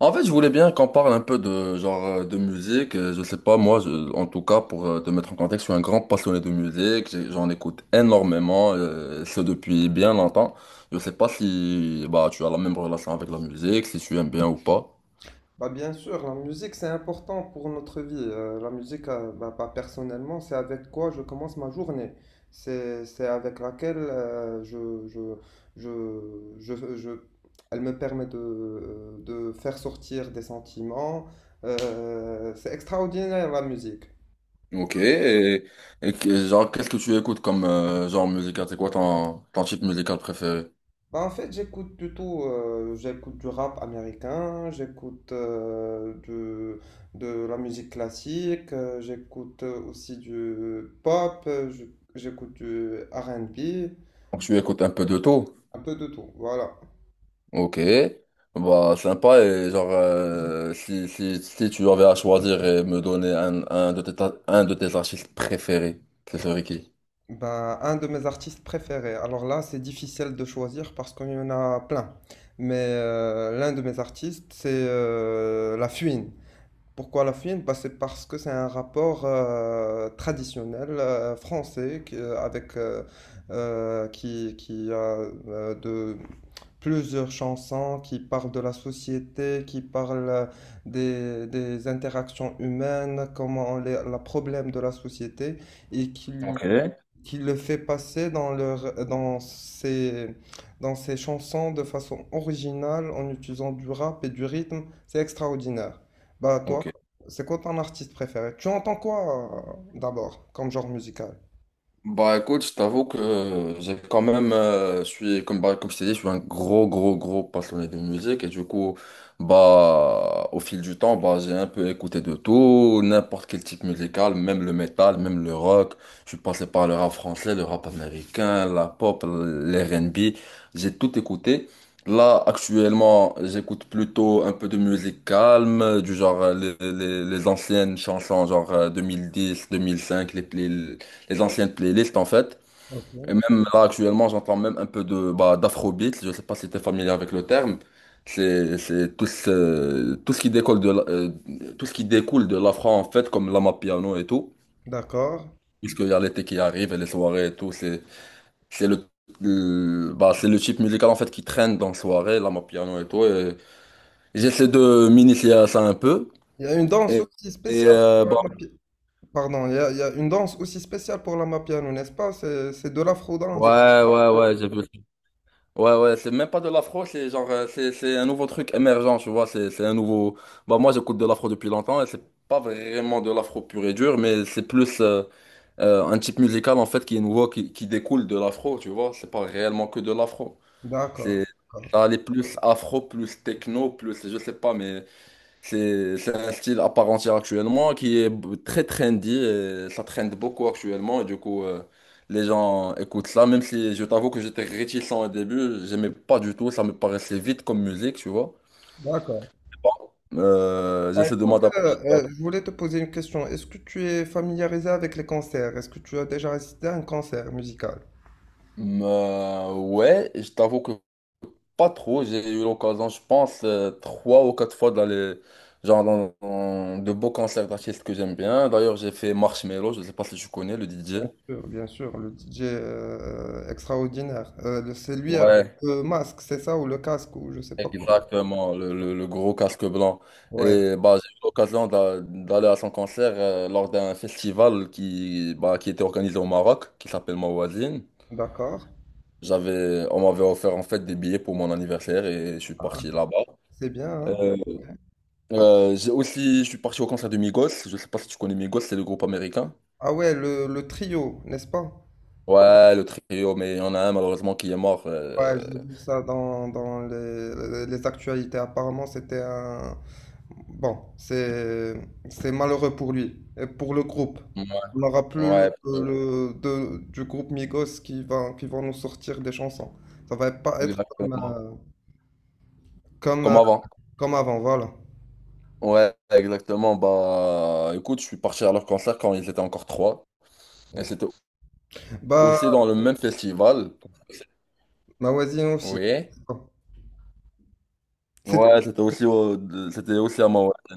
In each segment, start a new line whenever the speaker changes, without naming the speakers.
En fait, je voulais bien qu'on parle un peu de genre de musique. Je sais pas, moi, en tout cas, pour te mettre en contexte, je suis un grand passionné de musique. J'en écoute énormément, ce depuis bien longtemps. Je sais pas si bah tu as la même relation avec la musique, si tu aimes bien ou pas.
Bah bien sûr, la musique c'est important pour notre vie. La musique, personnellement, c'est avec quoi je commence ma journée. C'est avec laquelle je, je, je- elle me permet de faire sortir des sentiments. C'est extraordinaire la musique.
Ok. Et genre, qu'est-ce que tu écoutes comme genre musical? C'est quoi ton type musical préféré?
Bah, en fait, j'écoute du rap américain, de la musique classique, j'écoute aussi du pop, j'écoute du R and B
Donc, tu écoutes un peu de tout.
un peu de tout, voilà.
Ok, bah sympa et genre si tu avais à choisir et me donner un de tes artistes préférés, ce serait qui?
Bah, un de mes artistes préférés. Alors là, c'est difficile de choisir parce qu'il y en a plein. L'un de mes artistes, c'est La Fouine. Pourquoi la Fine? Bah, c'est parce que c'est un rapport traditionnel français qui- avec qui a de plusieurs chansons qui parlent de la société, qui parlent des interactions humaines, comment les, la problème de la société, et qui,
Ok.
qui le fait passer dans ses chansons de façon originale en utilisant du rap et du rythme. C'est extraordinaire. Bah toi,
Ok.
c'est quoi ton artiste préféré? Tu entends quoi d'abord comme genre musical?
Bah écoute, je t'avoue que j'ai quand même, je suis, comme, bah, comme je t'ai dit, je suis un gros, gros, gros passionné de musique et du coup, bah, au fil du temps, bah, j'ai un peu écouté de tout, n'importe quel type musical, même le métal, même le rock. Je suis passé par le rap français, le rap américain, la pop, l'R&B, j'ai tout écouté. Là, actuellement, j'écoute plutôt un peu de musique calme, du genre les anciennes chansons, genre 2010, 2005, les anciennes playlists en fait.
Ok.
Et même là actuellement, j'entends même un peu d'afrobeat. Je sais pas si tu es familier avec le terme. C'est tout ce qui découle de la- tout ce qui découle de l'afro en fait, comme l'amapiano et tout.
D'accord.
Puisqu'il y a l'été qui arrive et les soirées et tout, c'est c'est le, bah, c'est le type musical en fait qui traîne dans les soirées, l'amapiano et tout. Et j'essaie de m'initier à ça un peu.
Il y a une danse
Et,
aussi spéciale pour
bah,
la mafia. Pardon, il y a une danse aussi spéciale pour l'amapiano, n'est-ce pas? C'est de l'afro-danse.
ouais, ouais, ouais, j'ai vu. Ouais, ouais, c'est même pas de l'afro, c'est genre, c'est un nouveau truc émergent, tu vois, c'est un nouveau. Bah, moi, j'écoute de l'afro depuis longtemps, et c'est pas vraiment de l'afro pur et dur, mais c'est plus un type musical, en fait, qui est nouveau, qui découle de l'afro, tu vois, c'est pas réellement que de l'afro.
D'accord,
C'est...
d'accord,
Ça allait plus afro, plus techno, plus, je sais pas, mais c'est un style à part entière actuellement qui est très trendy et ça trend beaucoup actuellement. Et du coup, les gens écoutent ça, même si je t'avoue que j'étais réticent au début, j'aimais pas du tout, ça me paraissait vite comme musique, tu vois.
d'accord.
Bon,
Bah,
j'essaie de
écoute,
m'adapter un peu.
je voulais te poser une question. Est-ce que tu es familiarisé avec les concerts? Est-ce que tu as déjà assisté à un concert musical?
Ouais, je t'avoue que pas trop. J'ai eu l'occasion, je pense, trois ou quatre fois d'aller genre dans de beaux concerts d'artistes que j'aime bien. D'ailleurs, j'ai fait Marshmello, je sais pas si tu connais le DJ.
Bien sûr, le DJ extraordinaire. C'est lui avec
Ouais.
le masque, c'est ça, ou le casque, ou je sais pas quoi.
Exactement, le gros casque blanc.
Ouais,
Et bah, j'ai eu l'occasion d'aller à son concert lors d'un festival qui, bah, qui était organisé au Maroc, qui s'appelle Mawazine.
d'accord.
On m'avait offert en fait des billets pour mon anniversaire et je suis
Ah,
parti là-bas.
c'est bien, hein.
Euh, je suis parti au concert de Migos. Je sais pas si tu connais Migos, c'est le groupe américain.
Ah ouais, le trio, n'est-ce pas?
Ouais, le trio, mais il y en a un malheureusement qui est mort.
Ouais, j'ai vu ça dans les actualités. Apparemment, c'était un... Bon, c'est malheureux pour lui et pour le groupe.
Ouais,
On n'aura plus
ouais,
du groupe Migos qui vont nous sortir des chansons. Ça va pas être
exactement.
comme,
Comme
euh,
avant.
comme avant, voilà.
Ouais, exactement. Bah, écoute, je suis parti à leur concert quand ils étaient encore trois. Et c'était
Bah,
aussi dans le même festival.
ma voisine aussi.
Oui.
Bon, c'est-
Ouais, c'était aussi à Manhattan.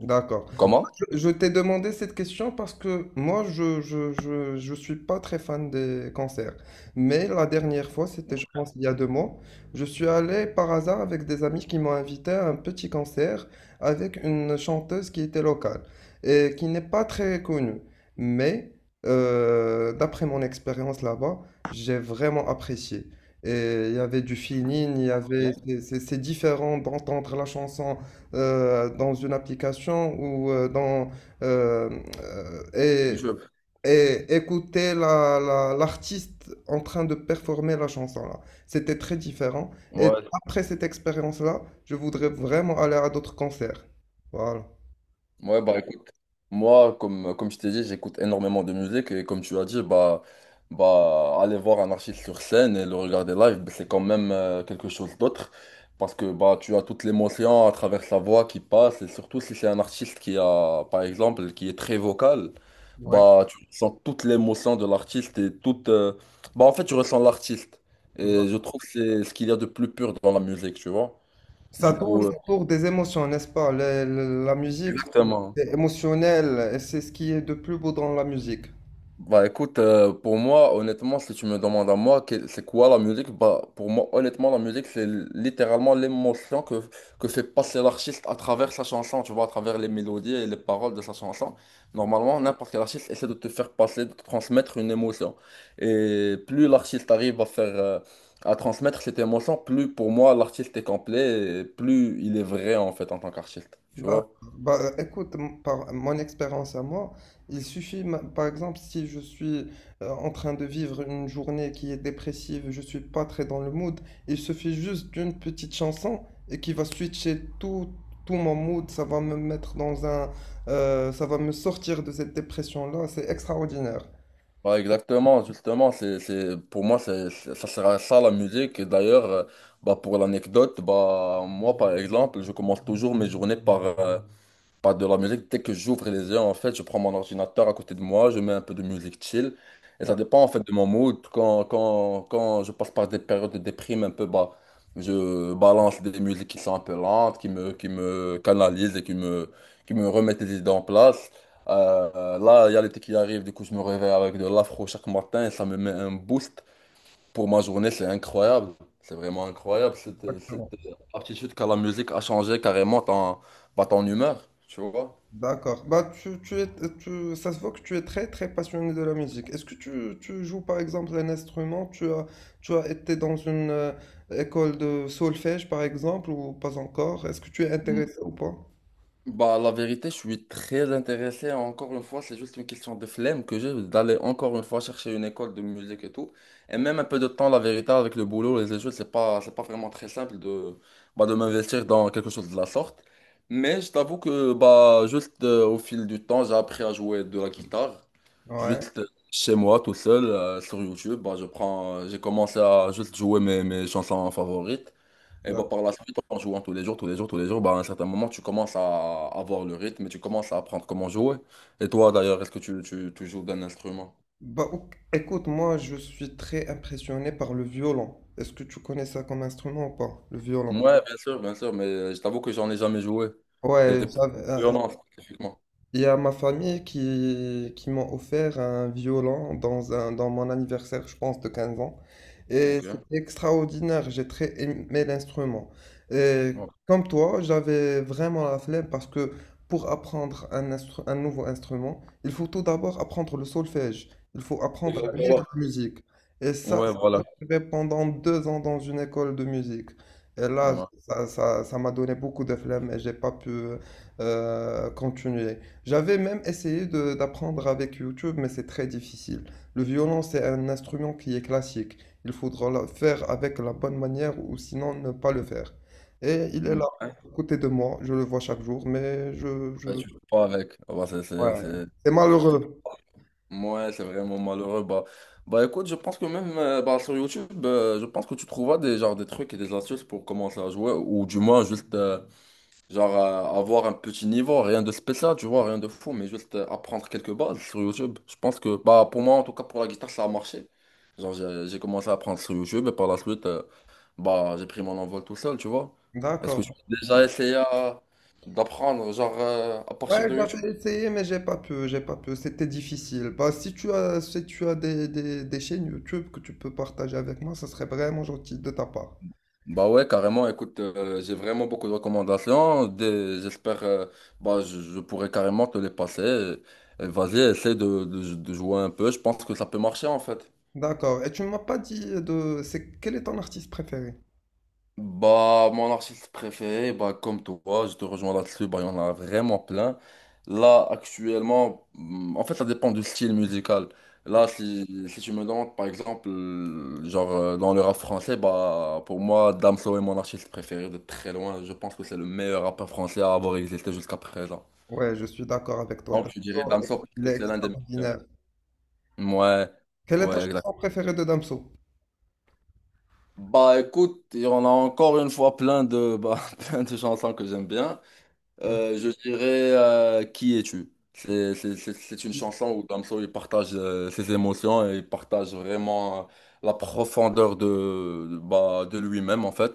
d'accord.
Comment?
Je t'ai demandé cette question parce que moi, je suis pas très fan des concerts. Mais la dernière fois, c'était, je pense, il y a 2 mois, je suis allé par hasard avec des amis qui m'ont invité à un petit concert avec une chanteuse qui était locale et qui n'est pas très connue. Mais d'après mon expérience là-bas, j'ai vraiment apprécié. Et il y avait du feeling, il y
Yeah.
avait, c'est différent d'entendre la chanson dans une application euh, euh,
Je-
et, et écouter l'artiste en train de performer la chanson là. C'était très différent. Et
Ouais,
après cette expérience-là, je voudrais vraiment aller à d'autres concerts. Voilà.
ouais, bah écoute, moi, comme je t'ai dit, j'écoute énormément de musique et comme tu as dit, bah, bah aller voir un artiste sur scène et le regarder live, bah, c'est quand même quelque chose d'autre parce que bah, tu as toute l'émotion à travers sa voix qui passe et surtout si c'est un artiste par exemple, qui est très vocal,
Ouais.
bah tu ressens toute l'émotion de l'artiste et toute. Bah en fait, tu ressens l'artiste et
Voilà.
je trouve que c'est ce qu'il y a de plus pur dans la musique, tu vois.
Ça
Du
tourne
coup,
autour des émotions, n'est-ce pas? La musique, c'est
exactement.
c'est émotionnel et c'est ce qui est de plus beau dans la musique.
Bah écoute, pour moi, honnêtement, si tu me demandes à moi, c'est quoi la musique? Bah pour moi, honnêtement, la musique, c'est littéralement l'émotion que fait passer l'artiste à travers sa chanson, tu vois, à travers les mélodies et les paroles de sa chanson. Normalement, n'importe quel artiste essaie de te faire passer, de te transmettre une émotion. Et plus l'artiste arrive à transmettre cette émotion, plus pour moi, l'artiste est complet et plus il est vrai en fait en tant qu'artiste, tu
D'accord.
vois?
Écoute, par mon expérience à moi, par exemple, si je suis en train de vivre une journée qui est dépressive, je suis pas très dans le mood, il suffit juste d'une petite chanson et qui va switcher tout, tout mon mood, ça va me mettre dans un, ça va me sortir de cette dépression-là, c'est extraordinaire.
Bah exactement, justement, pour moi, ça sera ça la musique. Et d'ailleurs, bah, pour l'anecdote, bah, moi, par exemple, je commence toujours mes journées par, pas de la musique. Dès que j'ouvre les yeux, en fait, je prends mon ordinateur à côté de moi, je mets un peu de musique chill. Et ça dépend, en fait, de mon mood. Quand je passe par des périodes de déprime un peu, bah, je balance des musiques qui sont un peu lentes, qui me canalisent et qui me, qui me, remettent les idées en place. Là, il y a l'été qui arrive, du coup, je me réveille avec de l'afro chaque matin et ça me met un boost pour ma journée. C'est incroyable. C'est vraiment incroyable. Cette aptitude qu'a la musique à changer carrément ton, bah, ton humeur, tu vois.
D'accord. Ça se voit que tu es très très passionné de la musique. Est-ce que tu joues par exemple un instrument? Tu as été dans une école de solfège par exemple ou pas encore? Est-ce que tu es
Mm.
intéressé ou pas?
Bah, la vérité, je suis très intéressé. Encore une fois, c'est juste une question de flemme que j'ai d'aller encore une fois chercher une école de musique et tout. Et même un peu de temps, la vérité, avec le boulot et les études, c'est pas vraiment très simple bah, de m'investir dans quelque chose de la sorte. Mais je t'avoue que, bah, juste au fil du temps, j'ai appris à jouer de la guitare.
Ouais.
Juste chez moi, tout seul, sur YouTube, bah, j'ai commencé à juste jouer mes chansons favorites. Et bah,
D'accord.
par la suite, en jouant tous les jours, tous les jours, tous les jours, bah, à un certain moment, tu commences à avoir le rythme et tu commences à apprendre comment jouer. Et toi, d'ailleurs, est-ce que tu joues d'un instrument?
Bah, ok, écoute, moi je suis très impressionné par le violon. Est-ce que tu connais ça comme instrument ou pas? Le violon.
Ouais, bien sûr, mais je t'avoue que j'en ai jamais joué. Et
Ouais,
pour
j'avais
le violon, spécifiquement.
Il y a ma famille qui m'ont offert un violon dans mon anniversaire, je pense, de 15 ans. Et
Ok.
c'était extraordinaire, j'ai très aimé l'instrument. Et
Ouais.
comme toi, j'avais vraiment la flemme parce que pour apprendre un nouveau instrument, il faut tout d'abord apprendre le solfège, il faut apprendre à lire
Exactement.
la musique. Et ça,
Ouais, voilà.
fait pendant 2 ans dans une école de musique. Et là,
Ouais.
ça m'a donné beaucoup de flemme et j'ai pas pu continuer. J'avais même essayé d'apprendre avec YouTube, mais c'est très difficile. Le violon, c'est un instrument qui est classique. Il faudra le faire avec la bonne manière ou sinon ne pas le faire. Et il est là, à côté de moi. Je le vois chaque jour, mais je...
Ouais, tu joues pas avec. Ouais,
Ouais. C'est
c'est triste.
malheureux.
Ouais, c'est vraiment malheureux. Bah écoute, je pense que même bah, sur YouTube, je pense que tu trouveras genre, des trucs et des astuces pour commencer à jouer, ou du moins juste genre avoir un petit niveau, rien de spécial, tu vois, rien de fou, mais juste apprendre quelques bases sur YouTube. Je pense que bah pour moi, en tout cas pour la guitare, ça a marché. Genre j'ai commencé à apprendre sur YouTube et par la suite, bah j'ai pris mon envol tout seul, tu vois. Est-ce que
D'accord.
tu as déjà essayé d'apprendre genre à partir
Ouais,
de YouTube?
j'avais essayé, mais j'ai pas pu. C'était difficile. Bah, si tu as des chaînes YouTube que tu peux partager avec moi, ça serait vraiment gentil de ta part.
Bah ouais, carrément. Écoute, j'ai vraiment beaucoup de recommandations. J'espère, bah, je pourrais carrément te les passer. Vas-y, essaie de jouer un peu. Je pense que ça peut marcher en fait.
D'accord. Et tu m'as pas dit de, c'est, quel est ton artiste préféré?
Bah, mon artiste préféré, bah, comme toi, je te rejoins là-dessus, bah, il y en a vraiment plein. Là, actuellement, en fait, ça dépend du style musical. Là, si tu me demandes, par exemple, genre, dans le rap français, bah, pour moi, Damso est mon artiste préféré de très loin. Je pense que c'est le meilleur rappeur français à avoir existé jusqu'à présent.
Ouais, je suis d'accord avec toi.
Donc, je dirais
Damso,
Damso parce
il
que
est
c'est l'un des meilleurs.
extraordinaire.
Ouais,
Quelle est ta
ouais, exact.
chanson préférée de Damso?
Bah, écoute, il y en a encore une fois bah, plein de chansons que j'aime bien.
Hein.
Je dirais Qui es-tu? C'est une chanson où Damso il partage ses émotions et il partage vraiment la profondeur bah, de lui-même en fait.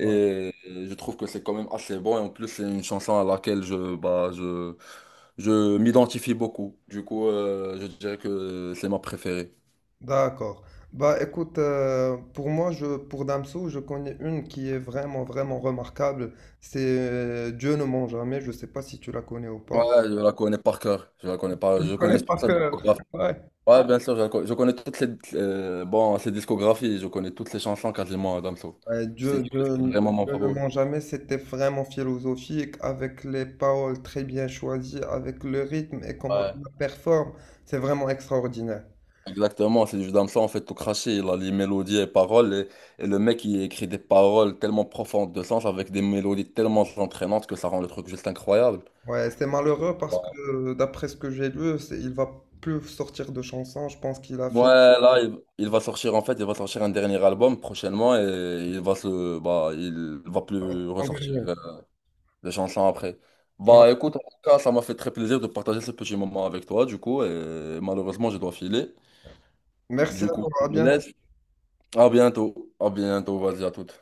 Ouais.
je trouve que c'est quand même assez bon et en plus c'est une chanson à laquelle bah, je m'identifie beaucoup. Du coup, je dirais que c'est ma préférée.
D'accord. Bah écoute, pour moi, pour Damso, je connais une qui est vraiment remarquable. C'est Dieu ne ment jamais. Je sais pas si tu la connais ou
Ouais,
pas.
je la connais par cœur. Je la connais pas. Je connais
Connaître
toute
par
sa
cœur.
discographie.
Ouais.
Ouais, bien sûr, je connais toutes ses discographies, je connais toutes les chansons quasiment à Damso.
Ouais,
Je t'ai dit que c'est vraiment mon
Dieu ne
favori.
ment jamais, c'était vraiment philosophique, avec les paroles très bien choisies, avec le rythme et comment
Ouais,
il la performe, c'est vraiment extraordinaire.
exactement, c'est du Damso en fait tout craché, il a les mélodies et paroles, et le mec il écrit des paroles tellement profondes de sens avec des mélodies tellement entraînantes que ça rend le truc juste incroyable.
Ouais, c'est malheureux parce
Bah,
que d'après ce que j'ai lu, c'est- il va plus sortir de chansons, je pense qu'il a
ouais,
fini
là, il va sortir en fait, il va sortir un dernier album prochainement et bah, il va plus
en
ressortir
dernier.
des chansons après.
Ouais.
Bah écoute, en tout cas, ça m'a fait très plaisir de partager ce petit moment avec toi, du coup, et malheureusement, je dois filer.
Merci à
Du coup,
toi,
je
à
te
bientôt.
laisse. À bientôt, vas-y, à toute.